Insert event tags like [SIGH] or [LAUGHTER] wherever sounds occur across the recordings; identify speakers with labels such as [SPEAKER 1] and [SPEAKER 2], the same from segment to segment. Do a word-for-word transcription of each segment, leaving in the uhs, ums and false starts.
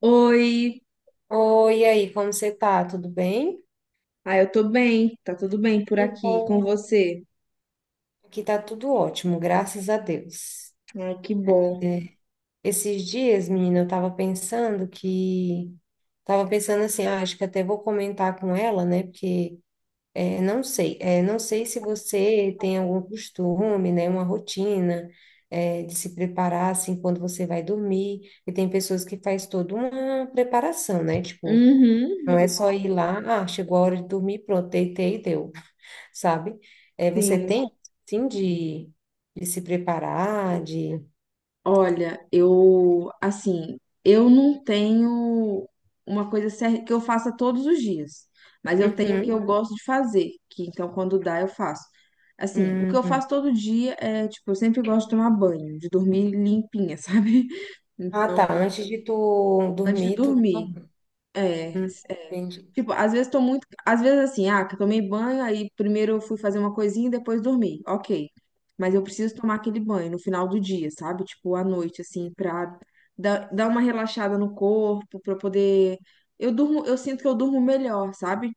[SPEAKER 1] Oi,
[SPEAKER 2] Oi, e aí, como você tá? Tudo bem?
[SPEAKER 1] ah, eu tô bem, tá tudo bem por
[SPEAKER 2] Que
[SPEAKER 1] aqui com
[SPEAKER 2] bom.
[SPEAKER 1] você?
[SPEAKER 2] Aqui tá tudo ótimo, graças a Deus.
[SPEAKER 1] Ai, que bom.
[SPEAKER 2] É, Esses dias, menina, eu tava pensando que... Tava pensando assim, ah, acho que até vou comentar com ela, né? Porque, é, não sei, é, não sei se você tem algum costume, né? Uma rotina, é, de se preparar, assim, quando você vai dormir. E tem pessoas que faz toda uma preparação, né? Tipo,
[SPEAKER 1] Uhum,
[SPEAKER 2] não é só ir lá, ah, chegou a hora de dormir, pronto, deitei e deu. Sabe? É, você
[SPEAKER 1] sim.
[SPEAKER 2] tem, sim, de, de se preparar, de...
[SPEAKER 1] Olha, eu, assim, eu não tenho uma coisa cer- que eu faça todos os dias, mas eu tenho o que
[SPEAKER 2] Uhum,
[SPEAKER 1] eu gosto de fazer, que então quando dá eu faço. Assim, o que eu
[SPEAKER 2] uhum.
[SPEAKER 1] faço todo dia é, tipo, eu sempre gosto de tomar banho, de dormir limpinha, [LAUGHS] sabe?
[SPEAKER 2] Ah,
[SPEAKER 1] Então,
[SPEAKER 2] tá, antes de tu
[SPEAKER 1] antes de
[SPEAKER 2] dormir, tu...
[SPEAKER 1] dormir. É,
[SPEAKER 2] Hum,
[SPEAKER 1] é.
[SPEAKER 2] entendi.
[SPEAKER 1] Tipo, às vezes tô muito. Às vezes assim, ah, que eu tomei banho, aí primeiro eu fui fazer uma coisinha e depois dormi. Ok. Mas eu preciso tomar aquele banho no final do dia, sabe? Tipo, à noite, assim, pra dar, dar uma relaxada no corpo, pra eu poder. Eu durmo, eu sinto que eu durmo melhor, sabe?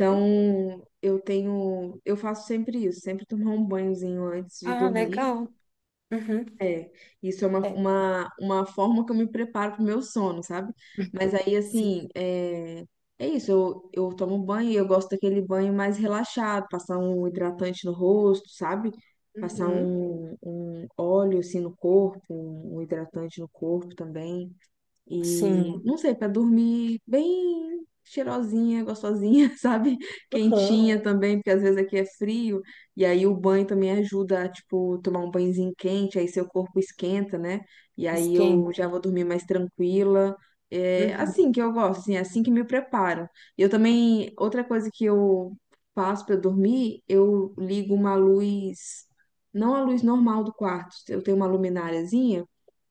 [SPEAKER 2] Uhum.
[SPEAKER 1] eu tenho. Eu faço sempre isso, sempre tomar um banhozinho antes de
[SPEAKER 2] Ah,
[SPEAKER 1] dormir.
[SPEAKER 2] legal. Uhum.
[SPEAKER 1] É, isso é uma,
[SPEAKER 2] É.
[SPEAKER 1] uma, uma forma que eu me preparo pro meu sono, sabe? Mas aí,
[SPEAKER 2] Sim.
[SPEAKER 1] assim, é, é isso, eu, eu tomo banho e eu gosto daquele banho mais relaxado, passar um hidratante no rosto, sabe? Passar
[SPEAKER 2] Uhum.
[SPEAKER 1] um, um óleo, assim, no corpo, um um hidratante no corpo também. E
[SPEAKER 2] Sim.
[SPEAKER 1] não sei, para dormir bem cheirosinha, gostosinha, [LAUGHS] sabe?
[SPEAKER 2] Aham.
[SPEAKER 1] Quentinha também, porque às vezes aqui é frio, e aí o banho também ajuda a, tipo, tomar um banhozinho quente, aí seu corpo esquenta, né? E aí eu
[SPEAKER 2] Esquenta.
[SPEAKER 1] já vou dormir mais tranquila. É
[SPEAKER 2] Uhum.
[SPEAKER 1] assim que eu gosto, assim, é assim que me preparo. E eu também, outra coisa que eu faço para dormir, eu ligo uma luz, não a luz normal do quarto, eu tenho uma lumináriazinha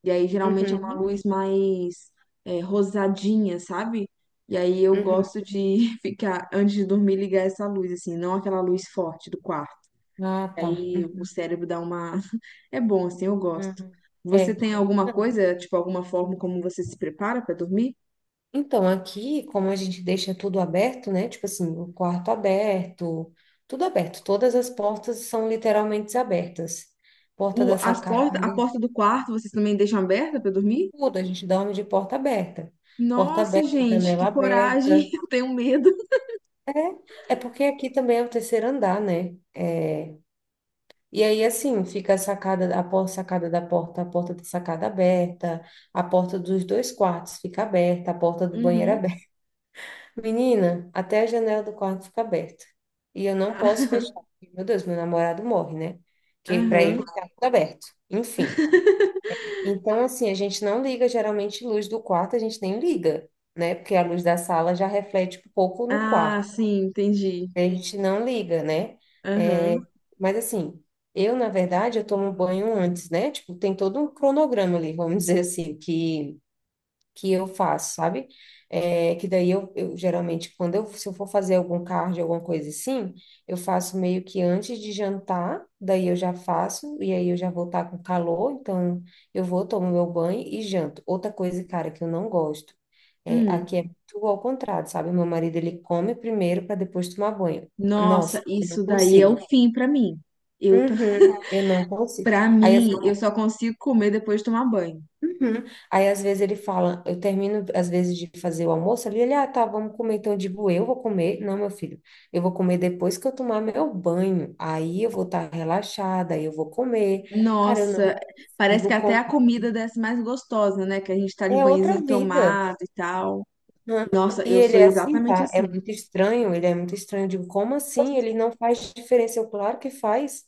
[SPEAKER 1] e aí geralmente é uma
[SPEAKER 2] Uhum.
[SPEAKER 1] luz mais é, rosadinha, sabe? E aí eu
[SPEAKER 2] Uhum.
[SPEAKER 1] gosto de [LAUGHS] ficar, antes de dormir, ligar essa luz, assim, não aquela luz forte do quarto.
[SPEAKER 2] Ah, tá.
[SPEAKER 1] Aí o cérebro dá uma. [LAUGHS] É bom, assim, eu gosto.
[SPEAKER 2] Uhum.
[SPEAKER 1] Você
[SPEAKER 2] É.
[SPEAKER 1] tem alguma coisa, tipo, alguma forma como você se prepara pra dormir?
[SPEAKER 2] Então, aqui, como a gente deixa tudo aberto, né? Tipo assim, o quarto aberto, tudo aberto. Todas as portas são literalmente abertas. Porta
[SPEAKER 1] O,
[SPEAKER 2] da
[SPEAKER 1] as
[SPEAKER 2] sacada,
[SPEAKER 1] porta, a
[SPEAKER 2] aberta,
[SPEAKER 1] porta do quarto vocês também deixam aberta pra dormir?
[SPEAKER 2] tudo. A gente dorme de porta aberta. Porta
[SPEAKER 1] Nossa,
[SPEAKER 2] aberta,
[SPEAKER 1] gente, que
[SPEAKER 2] janela
[SPEAKER 1] coragem!
[SPEAKER 2] aberta.
[SPEAKER 1] [LAUGHS] Eu tenho medo.
[SPEAKER 2] É, é porque aqui também é o terceiro andar, né? É, e aí, assim, fica a sacada, a porta, sacada da porta, a porta da sacada aberta, a porta dos dois quartos fica aberta, a porta do banheiro
[SPEAKER 1] Uhum.
[SPEAKER 2] aberta. Menina, até a janela do quarto fica aberta. E eu não posso fechar,
[SPEAKER 1] [LAUGHS]
[SPEAKER 2] porque, Meu Deus, meu namorado morre, né? Que para
[SPEAKER 1] Aham.
[SPEAKER 2] ele tá tudo aberto. Enfim. Então, assim, a gente não liga geralmente luz do quarto, a gente nem liga, né? Porque a luz da sala já reflete um pouco no
[SPEAKER 1] Ah,
[SPEAKER 2] quarto.
[SPEAKER 1] sim, entendi.
[SPEAKER 2] A gente não liga, né? É,
[SPEAKER 1] Aham.
[SPEAKER 2] mas assim, eu, na verdade, eu tomo banho antes, né? Tipo, tem todo um cronograma ali, vamos [LAUGHS] dizer assim, que que eu faço, sabe? É, que daí eu, eu geralmente, quando eu, se eu for fazer algum cardio, alguma coisa assim, eu faço meio que antes de jantar, daí eu já faço, e aí eu já vou estar com calor, então eu vou, tomo meu banho e janto. Outra coisa, cara, que eu não gosto, é,
[SPEAKER 1] Hum.
[SPEAKER 2] aqui é tudo ao contrário, sabe? Meu marido, ele come primeiro para depois tomar banho.
[SPEAKER 1] Nossa,
[SPEAKER 2] Nossa, eu não
[SPEAKER 1] isso daí é o
[SPEAKER 2] consigo.
[SPEAKER 1] fim pra mim. Eu, ta-
[SPEAKER 2] Uhum, eu não
[SPEAKER 1] [LAUGHS]
[SPEAKER 2] consigo.
[SPEAKER 1] pra
[SPEAKER 2] Aí,
[SPEAKER 1] mim, eu só consigo comer depois de tomar banho.
[SPEAKER 2] uhum. Aí às vezes ele fala, eu termino às vezes de fazer o almoço ali, ele, ah, tá, vamos comer. Então eu digo, eu vou comer. Não, meu filho, eu vou comer depois que eu tomar meu banho. Aí eu vou estar relaxada, aí eu vou comer. Cara, eu não
[SPEAKER 1] Nossa, parece
[SPEAKER 2] consigo
[SPEAKER 1] que até
[SPEAKER 2] comer.
[SPEAKER 1] a comida desce mais gostosa, né? Que a gente tá de
[SPEAKER 2] É outra
[SPEAKER 1] banhozinho
[SPEAKER 2] vida.
[SPEAKER 1] tomado e tal.
[SPEAKER 2] Hã?
[SPEAKER 1] Nossa,
[SPEAKER 2] E
[SPEAKER 1] eu
[SPEAKER 2] ele
[SPEAKER 1] sou
[SPEAKER 2] é assim,
[SPEAKER 1] exatamente
[SPEAKER 2] tá? É
[SPEAKER 1] assim.
[SPEAKER 2] muito estranho, ele é muito estranho. Eu digo, como assim? Ele não faz diferença. Eu, claro que faz.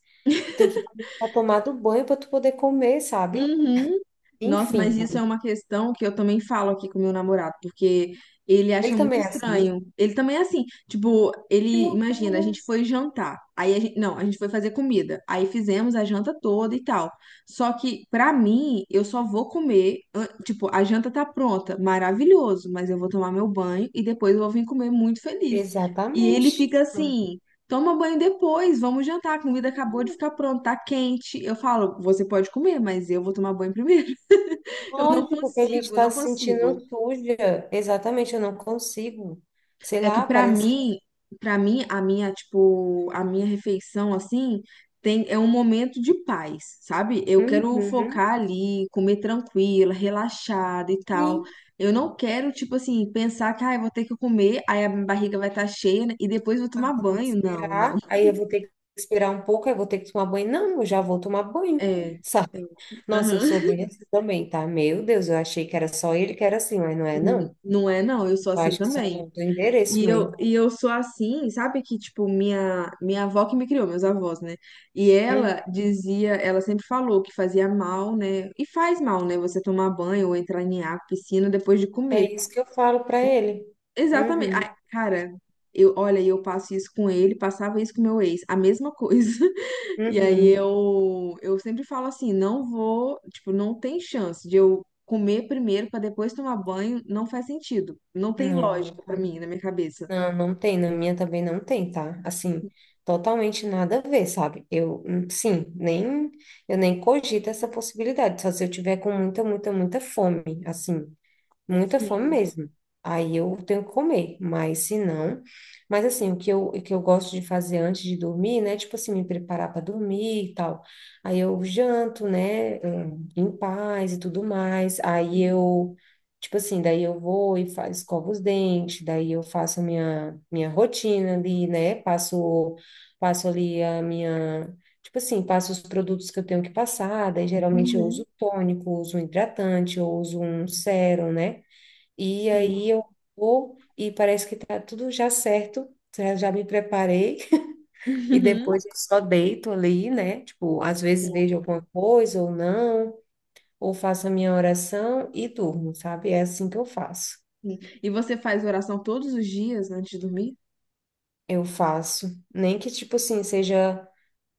[SPEAKER 2] Tem que tomar do banho para tu poder comer, sabe?
[SPEAKER 1] Uhum. Nossa,
[SPEAKER 2] Enfim,
[SPEAKER 1] mas isso é uma questão que eu também falo aqui com meu namorado, porque ele
[SPEAKER 2] ele
[SPEAKER 1] acha muito
[SPEAKER 2] também é assim.
[SPEAKER 1] estranho. Ele também é assim, tipo,
[SPEAKER 2] Que
[SPEAKER 1] ele imagina, a
[SPEAKER 2] loucura!
[SPEAKER 1] gente foi jantar, aí a gente, não, a gente foi fazer comida, aí fizemos a janta toda e tal. Só que pra mim, eu só vou comer, an- tipo, a janta tá pronta, maravilhoso, mas eu vou tomar meu banho e depois eu vou vir comer muito feliz. E ele
[SPEAKER 2] Exatamente.
[SPEAKER 1] fica assim, Toma banho depois, vamos jantar. A comida acabou de ficar pronta, tá quente. Eu falo, você pode comer, mas eu vou tomar banho primeiro. Eu não
[SPEAKER 2] Lógico que a gente
[SPEAKER 1] consigo,
[SPEAKER 2] está
[SPEAKER 1] não
[SPEAKER 2] se
[SPEAKER 1] consigo.
[SPEAKER 2] sentindo suja. Exatamente, eu não consigo. Sei
[SPEAKER 1] É que
[SPEAKER 2] lá,
[SPEAKER 1] pra
[SPEAKER 2] parece que.
[SPEAKER 1] mim, para mim a minha, tipo, a minha refeição assim, tem é um momento de paz, sabe? Eu quero
[SPEAKER 2] Uhum.
[SPEAKER 1] focar ali, comer tranquila, relaxada e tal.
[SPEAKER 2] Sim.
[SPEAKER 1] Eu não quero, tipo assim, pensar que ah, eu vou ter que comer, aí a minha barriga vai estar cheia né, e depois eu vou
[SPEAKER 2] Ah,
[SPEAKER 1] tomar
[SPEAKER 2] vou ter que
[SPEAKER 1] banho. Não, não.
[SPEAKER 2] esperar. Aí eu vou ter que esperar um pouco, aí eu vou ter que tomar banho. Não, eu já vou tomar banho. [LAUGHS]
[SPEAKER 1] É.
[SPEAKER 2] Sabe?
[SPEAKER 1] É.
[SPEAKER 2] Nossa, eu sou
[SPEAKER 1] Aham.
[SPEAKER 2] bem assim também, tá? Meu Deus, eu achei que era só ele que era assim, mas não é, não.
[SPEAKER 1] Não é, não. Eu sou
[SPEAKER 2] Eu
[SPEAKER 1] assim
[SPEAKER 2] acho que só
[SPEAKER 1] também.
[SPEAKER 2] mudou o endereço
[SPEAKER 1] E eu,
[SPEAKER 2] mesmo.
[SPEAKER 1] e eu sou assim, sabe que, tipo, minha, minha avó que me criou, meus avós, né? E
[SPEAKER 2] Uhum.
[SPEAKER 1] ela dizia, ela sempre falou que fazia mal, né? E faz mal, né? Você tomar banho ou entrar em água, piscina depois de comer.
[SPEAKER 2] É isso que eu falo para ele.
[SPEAKER 1] Exatamente.
[SPEAKER 2] Uhum.
[SPEAKER 1] Ai, cara, eu, olha, eu passo isso com ele, passava isso com meu ex, a mesma coisa. [LAUGHS] E aí
[SPEAKER 2] Uhum.
[SPEAKER 1] eu, eu sempre falo assim, não vou, tipo, não tem chance de eu comer primeiro para depois tomar banho, não faz sentido. Não tem
[SPEAKER 2] Não.
[SPEAKER 1] lógica para mim, na minha cabeça.
[SPEAKER 2] Não, não tem, na minha também não tem, tá? Assim, totalmente nada a ver, sabe? Eu, hum, sim, nem, eu nem cogito essa possibilidade, só se eu tiver com muita, muita, muita fome, assim muita fome
[SPEAKER 1] Sim.
[SPEAKER 2] mesmo. Aí eu tenho que comer, mas se não. Mas assim, o que eu, o que eu gosto de fazer antes de dormir, né? Tipo assim, me preparar para dormir e tal. Aí eu janto, né? hum, Em paz e tudo mais. Aí eu, tipo assim, daí eu vou e faço, escovo os dentes, daí eu faço a minha, minha rotina ali, né? Passo, passo ali a minha. Tipo assim, passo os produtos que eu tenho que passar, daí geralmente eu
[SPEAKER 1] Uhum.
[SPEAKER 2] uso tônico, uso um hidratante, eu uso um sérum, né? E aí
[SPEAKER 1] Sim,
[SPEAKER 2] eu vou e parece que tá tudo já certo, já já me preparei [LAUGHS] e
[SPEAKER 1] Uhum.
[SPEAKER 2] depois eu só deito ali, né? Tipo, às vezes vejo
[SPEAKER 1] sim,
[SPEAKER 2] alguma coisa ou não, ou faço a minha oração e durmo, sabe? É assim que eu faço.
[SPEAKER 1] sim. E você faz oração todos os dias antes de dormir?
[SPEAKER 2] Eu faço, nem que tipo assim seja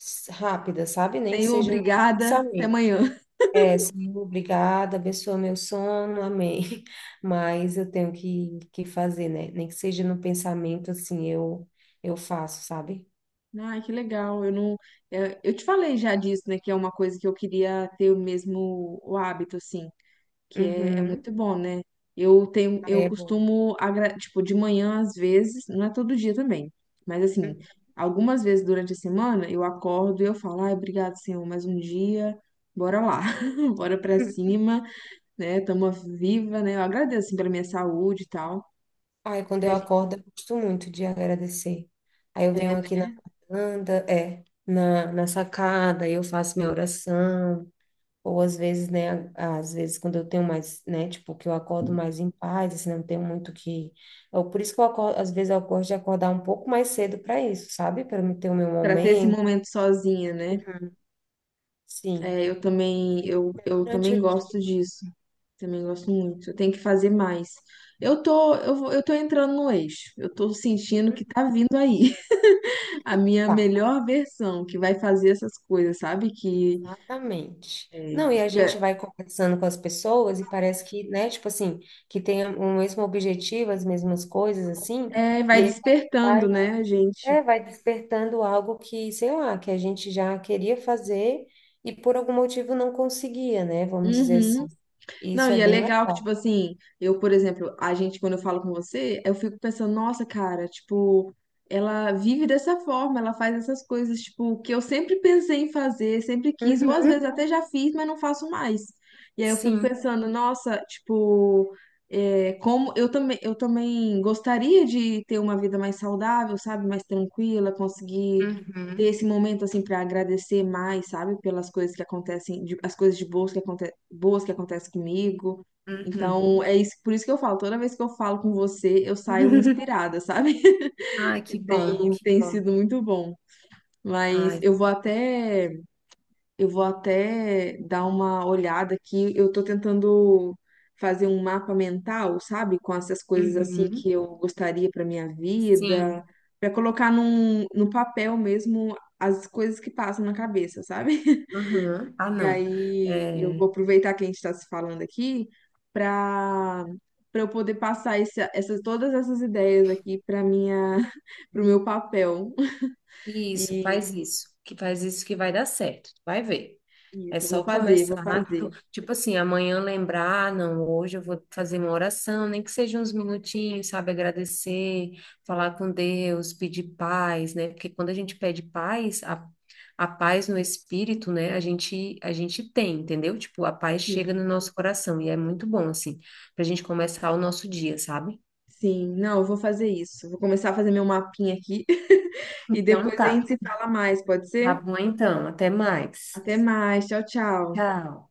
[SPEAKER 2] s- rápida, sabe? Nem que
[SPEAKER 1] Senhor,
[SPEAKER 2] seja no
[SPEAKER 1] obrigada, até
[SPEAKER 2] pensamento.
[SPEAKER 1] amanhã. [LAUGHS]
[SPEAKER 2] É, Senhor, obrigada, abençoa meu sono, amém. [LAUGHS] Mas eu tenho que, que fazer, né? Nem que seja no pensamento, assim, eu, eu faço, sabe?
[SPEAKER 1] Ai, que legal. Eu não, é, eu te falei já disso, né? Que é uma coisa que eu queria ter o mesmo o hábito, assim, que é, é
[SPEAKER 2] Uhum.
[SPEAKER 1] muito bom, né? Eu tenho,
[SPEAKER 2] Aí
[SPEAKER 1] eu
[SPEAKER 2] é bom.
[SPEAKER 1] costumo, agra- tipo, de manhã às vezes, não é todo dia também, mas assim, algumas vezes durante a semana eu acordo e eu falo, ai, obrigado, Senhor, mais um dia, bora lá, [LAUGHS] bora pra
[SPEAKER 2] Uhum.
[SPEAKER 1] cima. Né? Tamo viva, né? Eu agradeço, assim, pela minha saúde e tal.
[SPEAKER 2] Aí quando
[SPEAKER 1] Que
[SPEAKER 2] eu
[SPEAKER 1] a gente-
[SPEAKER 2] acordo, eu gosto muito de agradecer. Aí eu
[SPEAKER 1] é,
[SPEAKER 2] venho aqui na varanda, é, na, na sacada, aí eu faço minha oração. Ou às vezes, né, às vezes quando eu tenho mais, né, tipo, que eu acordo mais em paz, assim, não tenho muito que... Eu, por isso que eu acordo, às vezes eu gosto de acordar um pouco mais cedo para isso, sabe? Para eu ter o meu
[SPEAKER 1] pra ter esse
[SPEAKER 2] momento.
[SPEAKER 1] momento sozinha, né?
[SPEAKER 2] Sim.
[SPEAKER 1] É, eu também, eu,
[SPEAKER 2] É
[SPEAKER 1] eu
[SPEAKER 2] durante
[SPEAKER 1] também
[SPEAKER 2] o dia.
[SPEAKER 1] gosto disso. Também gosto muito. Eu tenho que fazer mais. Eu tô, eu, vou- eu tô entrando no eixo. Eu tô sentindo que tá
[SPEAKER 2] Uhum.
[SPEAKER 1] vindo aí [LAUGHS] a minha
[SPEAKER 2] Tá.
[SPEAKER 1] melhor versão, que vai fazer essas coisas, sabe? Que
[SPEAKER 2] Exatamente. Não, e a
[SPEAKER 1] é,
[SPEAKER 2] gente vai conversando com as pessoas e parece que, né, tipo assim, que tem o mesmo objetivo, as mesmas coisas, assim,
[SPEAKER 1] é, vai
[SPEAKER 2] e a
[SPEAKER 1] despertando,
[SPEAKER 2] vai,
[SPEAKER 1] né, a gente?
[SPEAKER 2] é, vai despertando algo que, sei lá, que a gente já queria fazer e por algum motivo não conseguia, né, vamos dizer assim.
[SPEAKER 1] Uhum. Não,
[SPEAKER 2] Isso é
[SPEAKER 1] e é
[SPEAKER 2] bem
[SPEAKER 1] legal que, tipo
[SPEAKER 2] legal.
[SPEAKER 1] assim, eu, por exemplo, a gente, quando eu falo com você, eu fico pensando, nossa, cara, tipo, ela vive dessa forma, ela faz essas coisas, tipo, que eu sempre pensei em fazer, sempre quis, ou às vezes
[SPEAKER 2] Uhum,
[SPEAKER 1] até já fiz, mas não faço mais. E aí eu fico
[SPEAKER 2] sim.
[SPEAKER 1] pensando, nossa, tipo, é, como eu também, eu também gostaria de ter uma vida mais saudável, sabe, mais tranquila, conseguir ter
[SPEAKER 2] Uhum,
[SPEAKER 1] esse momento assim para agradecer mais, sabe, pelas coisas que acontecem, de- as coisas de boas que aconte, boas que acontecem comigo.
[SPEAKER 2] uhum.
[SPEAKER 1] Então, é isso, por isso que eu falo, toda vez que eu falo com você, eu saio
[SPEAKER 2] [LAUGHS]
[SPEAKER 1] inspirada, sabe?
[SPEAKER 2] Ai, que
[SPEAKER 1] [LAUGHS]
[SPEAKER 2] bom,
[SPEAKER 1] Tem,
[SPEAKER 2] que
[SPEAKER 1] tem
[SPEAKER 2] bom.
[SPEAKER 1] sido muito bom. Mas
[SPEAKER 2] Ai,
[SPEAKER 1] eu vou até eu vou até dar uma olhada aqui. Eu tô tentando fazer um mapa mental, sabe? Com essas coisas assim que
[SPEAKER 2] uhum,
[SPEAKER 1] eu gostaria para minha vida,
[SPEAKER 2] sim.
[SPEAKER 1] para colocar num, no papel mesmo as coisas que passam na cabeça, sabe? [LAUGHS]
[SPEAKER 2] Aham. Ah,
[SPEAKER 1] E
[SPEAKER 2] não.
[SPEAKER 1] aí eu
[SPEAKER 2] É,
[SPEAKER 1] vou aproveitar que a gente está se falando aqui para para eu poder passar esse, essas todas essas ideias aqui para minha [LAUGHS] para o meu papel.
[SPEAKER 2] isso, faz
[SPEAKER 1] E,
[SPEAKER 2] isso. Que faz isso que vai dar certo. Tu vai ver.
[SPEAKER 1] e
[SPEAKER 2] É
[SPEAKER 1] eu vou
[SPEAKER 2] só
[SPEAKER 1] fazer,
[SPEAKER 2] começar.
[SPEAKER 1] vou
[SPEAKER 2] tu-
[SPEAKER 1] fazer.
[SPEAKER 2] Tipo assim, amanhã lembrar, "Ah, não, hoje eu vou fazer uma oração, nem que seja uns minutinhos, sabe? Agradecer, falar com Deus, pedir paz, né?" Porque quando a gente pede paz, a, a paz no espírito, né? A gente, a gente tem, entendeu? Tipo, a paz chega
[SPEAKER 1] Sim.
[SPEAKER 2] no nosso coração e é muito bom, assim, pra gente começar o nosso dia, sabe?
[SPEAKER 1] Sim, não, eu vou fazer isso. Vou começar a fazer meu mapinha aqui [LAUGHS] e
[SPEAKER 2] Então
[SPEAKER 1] depois a gente
[SPEAKER 2] tá.
[SPEAKER 1] se fala mais, pode
[SPEAKER 2] Tá
[SPEAKER 1] ser?
[SPEAKER 2] bom, então. Até mais.
[SPEAKER 1] Até mais, tchau, tchau.
[SPEAKER 2] Tchau.